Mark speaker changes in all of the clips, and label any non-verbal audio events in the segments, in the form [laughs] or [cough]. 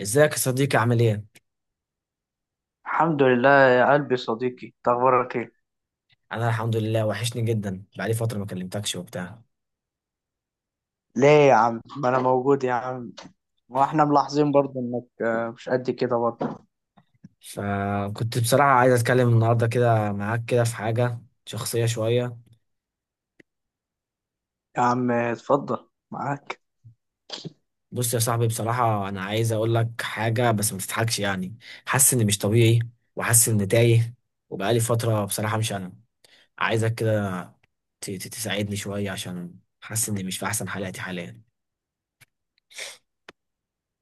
Speaker 1: ازيك يا صديقي؟ عامل ايه؟
Speaker 2: الحمد لله يا قلبي، صديقي إنت اخبارك ايه؟
Speaker 1: انا الحمد لله، وحشني جدا، بقالي فترة ما كلمتكش وبتاع.
Speaker 2: ليه يا عم؟ ما انا [laughs] موجود يا عم. واحنا ملاحظين برضه انك مش قد كده برضه.
Speaker 1: فكنت بصراحة عايز اتكلم النهاردة كده معاك كده في حاجة شخصية شوية.
Speaker 2: يا عم اتفضل معاك.
Speaker 1: بص يا صاحبي، بصراحة انا عايز اقول لك حاجة بس ما تضحكش. يعني حاسس اني مش طبيعي، وحاسس اني تايه، وبقالي فترة بصراحة مش انا. عايزك كده تساعدني شوية، عشان حاسس اني مش في احسن حالاتي حاليا.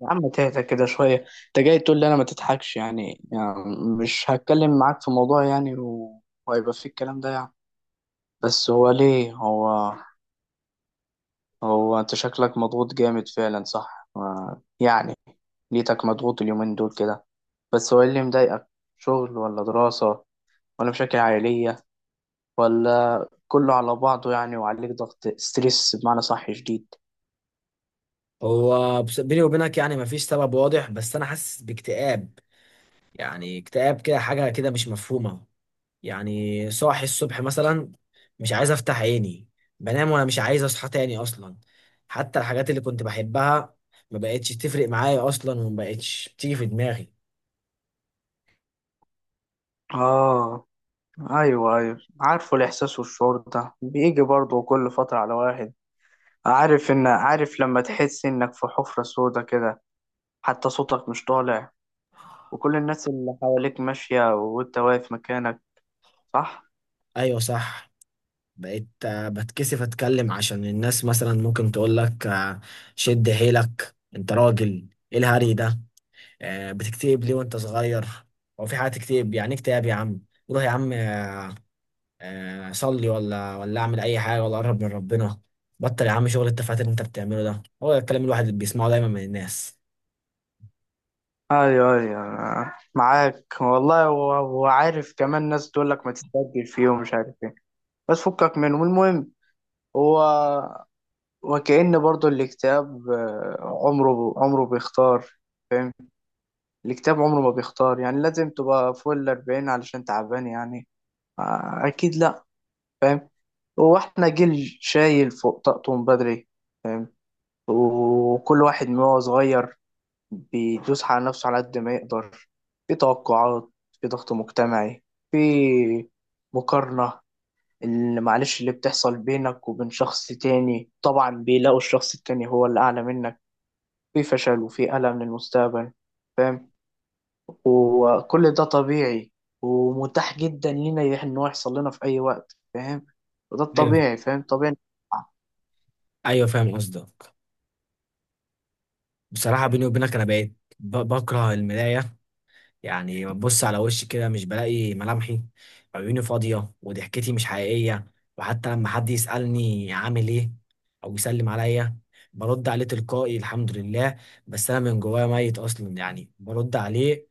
Speaker 2: يا عم تهدى كده شويه. انت جاي تقول لي انا ما تضحكش يعني. مش هتكلم معاك في موضوع يعني وهيبقى فيه الكلام ده يعني. بس هو ليه هو؟ هو انت شكلك مضغوط جامد فعلا صح، يعني. ليتك مضغوط اليومين دول كده. بس هو إيه اللي مضايقك؟ شغل ولا دراسة؟ ولا مشاكل عائلية؟ ولا كله على بعضه يعني وعليك ضغط ستريس بمعنى صح شديد؟
Speaker 1: هو بيني وبينك يعني مفيش سبب واضح، بس انا حاسس باكتئاب. يعني اكتئاب كده، حاجة كده مش مفهومة. يعني صاحي الصبح مثلا مش عايز افتح عيني، بنام وانا مش عايز اصحى تاني اصلا. حتى الحاجات اللي كنت بحبها ما بقتش تفرق معايا اصلا، وما بقتش بتيجي في دماغي.
Speaker 2: آه. أيوه أيوه، عارفه الإحساس والشعور ده بيجي برضه كل فترة على واحد. عارف لما تحس إنك في حفرة سودا كده، حتى صوتك مش طالع، وكل الناس اللي حواليك ماشية وأنت واقف مكانك. صح؟
Speaker 1: ايوه، صح. بقيت بتكسف اتكلم، عشان الناس مثلا ممكن تقول لك شد حيلك، انت راجل، ايه الهري ده؟ بتكتئب ليه وانت صغير؟ هو في حاجه تكتئب؟ يعني إيه اكتئاب يا عم؟ روح يا عم اصلي ولا ولا اعمل اي حاجه ولا اقرب من ربنا. بطل يا عم شغل التفاهات اللي انت بتعمله ده. هو ده الكلام الواحد اللي بيسمعه دايما من الناس.
Speaker 2: أيوه أيوه معاك والله، وعارف كمان ناس تقول لك ما تستعجل فيه ومش عارف إيه. بس فكك منه المهم. هو وكأن برضو الكتاب، عمره بيختار. فاهم؟ الكتاب عمره ما بيختار، يعني لازم تبقى فوق الأربعين علشان تعبان يعني؟ آه، أكيد لأ. فاهم؟ هو احنا جيل شايل فوق طاقته من بدري. فاهم؟ وكل واحد من هو صغير بيدوس على نفسه على قد ما يقدر. في توقعات، في ضغط مجتمعي، في مقارنة اللي معلش اللي بتحصل بينك وبين شخص تاني طبعا بيلاقوا الشخص التاني هو اللي أعلى منك، في فشل وفي ألم للمستقبل. فاهم؟ وكل ده طبيعي ومتاح جدا لينا إن هو يحصل لنا في أي وقت. فاهم؟ وده
Speaker 1: ايوه
Speaker 2: الطبيعي، فاهم، طبيعي.
Speaker 1: ايوه، فاهم قصدك. بصراحه بيني وبينك انا بقيت بكره المرايه. يعني ببص على وشي كده مش بلاقي ملامحي، عيوني فاضيه وضحكتي مش حقيقيه. وحتى لما حد يسالني عامل ايه او يسلم عليا، برد عليه تلقائي الحمد لله، بس انا من جوايا ميت اصلا. يعني برد عليه،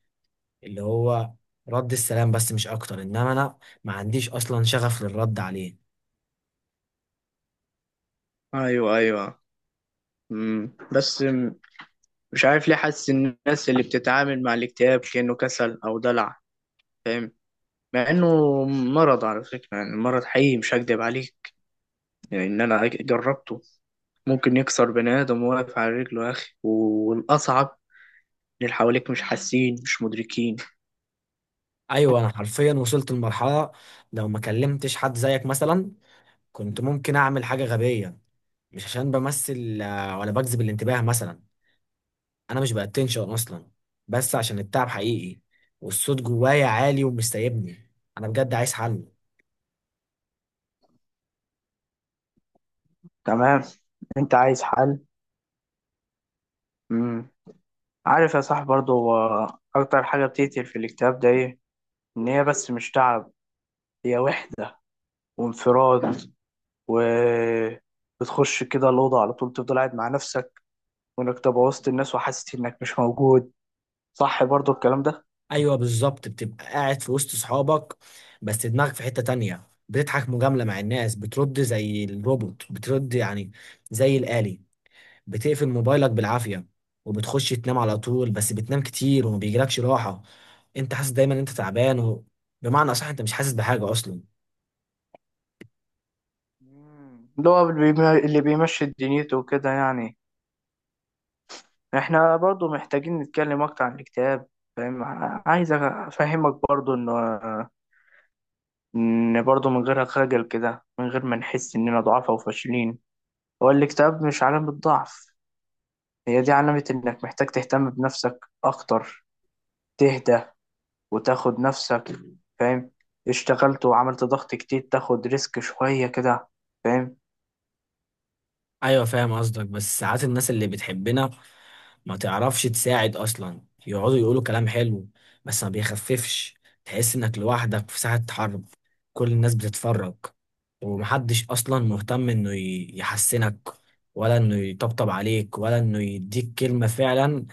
Speaker 1: اللي هو رد السلام بس مش اكتر، انما انا ما عنديش اصلا شغف للرد عليه.
Speaker 2: ايوه ايوه. بس مش عارف ليه حاسس إن الناس اللي بتتعامل مع الاكتئاب كأنه كسل او دلع. فاهم؟ مع انه مرض على فكرة، يعني مرض حقيقي مش هكدب عليك، يعني ان انا جربته. ممكن يكسر بني آدم واقف على رجله يا أخي. والأصعب إن اللي حواليك مش حاسين، مش مدركين.
Speaker 1: ايوه، انا حرفيا وصلت لمرحله لو ما كلمتش حد زيك مثلا كنت ممكن اعمل حاجه غبيه. مش عشان بمثل ولا بجذب الانتباه مثلا، انا مش باتنشن اصلا، بس عشان التعب حقيقي، والصوت جوايا عالي ومش سايبني. انا بجد عايز حل.
Speaker 2: تمام. انت عايز حل. مم. عارف يا صاحبي برضو، هو اكتر حاجة بتقتل في الاكتئاب ده ايه؟ ان هي بس مش تعب، هي وحدة، وانفراد، و بتخش كده الأوضة على طول تفضل قاعد مع نفسك، وإنك تبقى وسط الناس وحاسس إنك مش موجود. صح برضو الكلام ده؟
Speaker 1: ايوه بالظبط، بتبقى قاعد في وسط صحابك بس دماغك في حتة تانية، بتضحك مجاملة مع الناس، بترد زي الروبوت بترد يعني، زي الآلي. بتقفل موبايلك بالعافية، وبتخش تنام على طول، بس بتنام كتير وما بيجيلكش راحة. انت حاسس دايما إن انت تعبان، و... بمعنى اصح انت مش حاسس بحاجة اصلا.
Speaker 2: مم. اللي هو اللي بيمشي دنيته وكده يعني. احنا برضو محتاجين نتكلم أكتر عن الاكتئاب. فاهم؟ عايز أفهمك برضو إنه، إن برضه من غير خجل كده، من غير ما نحس إننا ضعاف أو فاشلين. هو الاكتئاب مش علامة ضعف، هي دي علامة إنك محتاج تهتم بنفسك أكتر، تهدى وتاخد نفسك. فاهم؟ اشتغلت وعملت ضغط كتير، تاخد ريسك شوية كده. فاهم؟
Speaker 1: ايوه فاهم قصدك، بس ساعات الناس اللي بتحبنا ما تعرفش تساعد اصلا. يقعدوا يقولوا كلام حلو بس ما بيخففش. تحس انك لوحدك في ساحة حرب، كل الناس بتتفرج، ومحدش اصلا مهتم انه يحسنك، ولا انه يطبطب عليك، ولا انه يديك كلمة فعلا.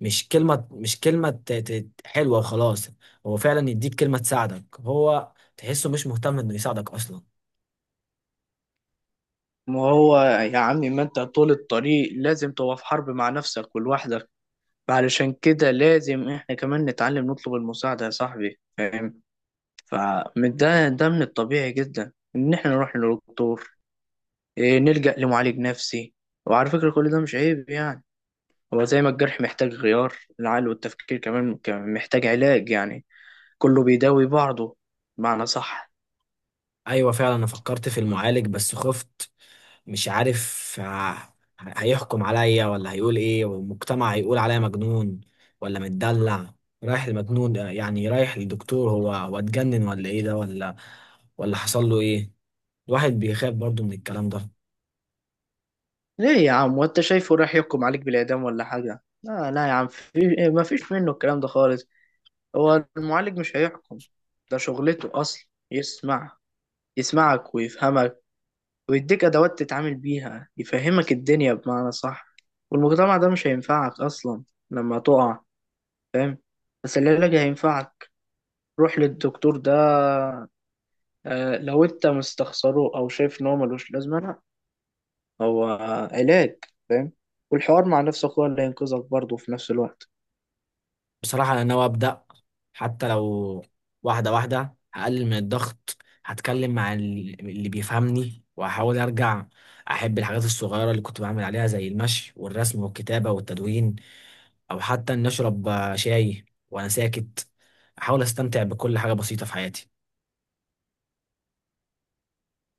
Speaker 1: مش كلمة، مش كلمة حلوة وخلاص، هو فعلا يديك كلمة تساعدك. هو تحسه مش مهتم انه يساعدك اصلا.
Speaker 2: ما هو يا عمي، ما انت طول الطريق لازم تبقى في حرب مع نفسك ولوحدك. علشان كده لازم احنا كمان نتعلم نطلب المساعدة يا صاحبي. فاهم؟ فده من الطبيعي جدا ان احنا نروح للدكتور، إيه، نلجأ لمعالج نفسي. وعلى فكرة كل ده مش عيب يعني. هو زي ما الجرح محتاج غيار، العقل والتفكير كمان كمان محتاج علاج يعني. كله بيداوي بعضه، معنى صح.
Speaker 1: ايوه فعلا، انا فكرت في المعالج بس خفت. مش عارف هيحكم عليا ولا هيقول ايه، والمجتمع هيقول عليا مجنون ولا متدلع. رايح المجنون يعني، رايح للدكتور، هو اتجنن ولا ايه ده، ولا ولا حصل له ايه. الواحد بيخاف برضو من الكلام ده.
Speaker 2: ليه يا عم؟ وانت شايفه راح يحكم عليك بالإعدام ولا حاجة؟ لا لا يا عم، في إيه، ما فيش منه الكلام ده خالص. هو المعالج مش هيحكم، ده شغلته أصلا يسمع، يسمعك ويفهمك، ويديك أدوات تتعامل بيها، يفهمك الدنيا بمعنى صح. والمجتمع ده مش هينفعك أصلا لما تقع. فاهم؟ بس العلاج هينفعك. روح للدكتور ده. لو انت مستخسره او شايف ان هو ملوش لازمه، لا، هو علاج. فاهم؟ والحوار مع نفسك هو اللي هينقذك برضه في نفس الوقت.
Speaker 1: بصراحة أنا ناوي أبدأ، حتى لو واحدة واحدة هقلل من الضغط. هتكلم مع اللي بيفهمني، وهحاول أرجع أحب الحاجات الصغيرة اللي كنت بعمل عليها، زي المشي والرسم والكتابة والتدوين، أو حتى إني أشرب شاي وأنا ساكت. أحاول أستمتع بكل حاجة بسيطة في حياتي.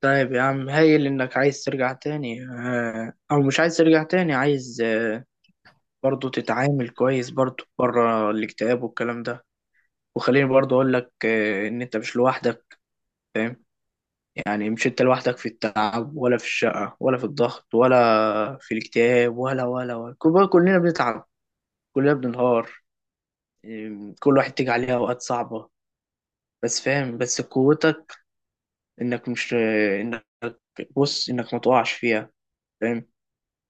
Speaker 2: طيب يا عم، هايل انك عايز ترجع تاني، او مش عايز ترجع تاني، عايز برضه تتعامل كويس برضه بره الاكتئاب والكلام ده. وخليني برضه اقول لك ان انت مش لوحدك. فاهم؟ يعني مش انت لوحدك في التعب ولا في الشقة ولا في الضغط ولا في الاكتئاب كلنا بنتعب، كلنا بننهار، إيه، كل واحد تيجي عليه اوقات صعبة. بس فاهم، بس قوتك انك مش انك بص، انك ما تقعش فيها. فاهم؟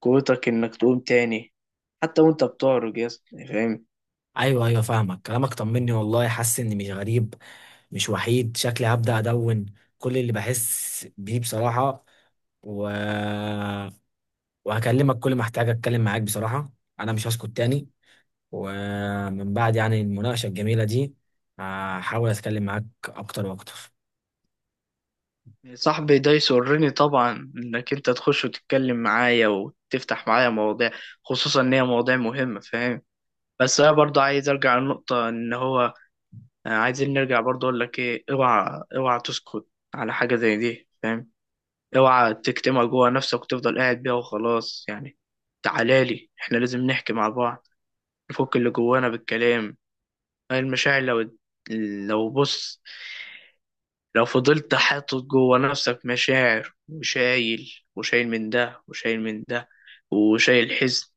Speaker 2: قوتك انك تقوم تاني، حتى وانت بتعرج يا اسطى، فاهم؟
Speaker 1: أيوه أيوه، فاهمك. كلامك طمني والله، حاسس إني مش غريب، مش وحيد. شكلي هبدأ أدون كل اللي بحس بيه بصراحة، و... وهكلمك كل ما احتاج اتكلم معاك. بصراحة انا مش هسكت تاني، ومن بعد يعني المناقشة الجميلة دي هحاول اتكلم معاك اكتر واكتر.
Speaker 2: صاحبي، ده يسرني طبعا انك انت تخش وتتكلم معايا وتفتح معايا مواضيع، خصوصا ان هي مواضيع مهمة. فاهم؟ بس انا برضه عايز ارجع للنقطة ان هو، عايزين نرجع، برضه اقول لك ايه، اوعى اوعى تسكت على حاجة زي دي. فاهم؟ اوعى تكتمها جوه نفسك وتفضل قاعد بيها وخلاص يعني. تعالى لي، احنا لازم نحكي مع بعض، نفك اللي جوانا بالكلام. المشاعر لو لو بص، لو فضلت حاطط جوه نفسك مشاعر، وشايل وشايل من ده وشايل من ده، وشايل حزن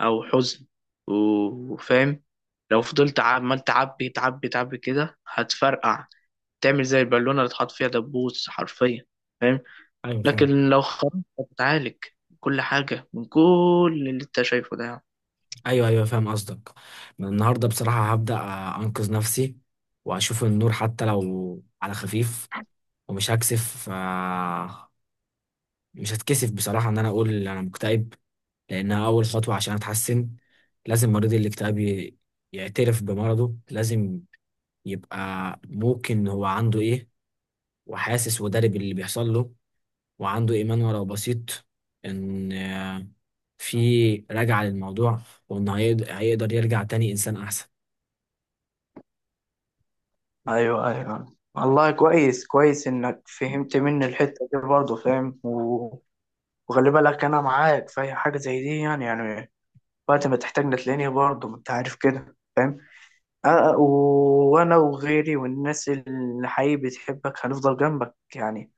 Speaker 2: او حزن وفاهم، لو فضلت عمال تعبي تعبي تعبي كده هتفرقع، تعمل زي البالونة اللي اتحط فيها دبوس حرفيا. فاهم؟
Speaker 1: ايوه فاهم.
Speaker 2: لكن لو خرجت هتتعالج كل حاجة من كل اللي انت شايفه ده يعني.
Speaker 1: ايوه ايوه فاهم قصدك. من النهاردة بصراحة هبدأ انقذ نفسي، واشوف النور حتى لو على خفيف. ومش هكسف مش هتكسف بصراحة ان انا اقول انا مكتئب، لانها اول خطوة عشان اتحسن. لازم مريض الاكتئاب يعترف بمرضه. لازم يبقى ممكن هو عنده ايه، وحاسس ودارب اللي بيحصل له، وعنده إيمان ولو بسيط إن في رجعة للموضوع، وإن هيقدر يرجع تاني إنسان أحسن.
Speaker 2: ايوه ايوه والله، كويس كويس انك فهمت مني الحته دي برضه. فاهم؟ وخلي بالك انا معاك في اي حاجه زي دي يعني. وقت ما تحتاجني تلاقيني برضه، ما انت عارف كده. فاهم؟ أه، وانا وغيري والناس اللي حقيقي بتحبك هنفضل جنبك يعني.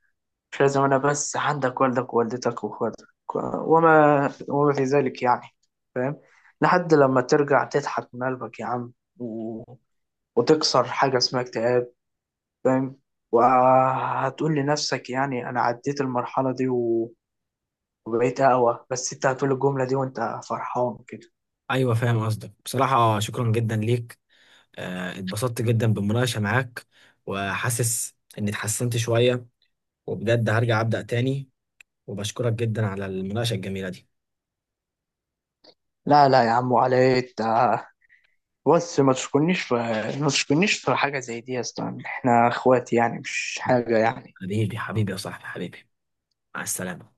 Speaker 2: مش لازم أنا بس، عندك والدك ووالدتك وإخواتك، وما في ذلك يعني. فاهم؟ لحد لما ترجع تضحك من قلبك يا عم، و... وتكسر حاجة اسمها اكتئاب. فاهم؟ وهتقول لنفسك يعني أنا عديت المرحلة دي وبقيت أقوى، بس أنت هتقول الجملة دي وأنت فرحان كده.
Speaker 1: أيوة فاهم قصدك. بصراحة شكرا جدا ليك، اتبسطت جدا بالمناقشة معاك، وحاسس إني اتحسنت شوية، وبجد هرجع أبدأ تاني، وبشكرك جدا على المناقشة الجميلة دي.
Speaker 2: لا لا يا عم، وعلى إيه أنت؟ بص، ما تشكرنيش في حاجة زي دي يا اسطى، احنا اخوات يعني، مش حاجة يعني.
Speaker 1: حبيبي، حبيبي يا صاحبي، حبيبي. مع السلامة.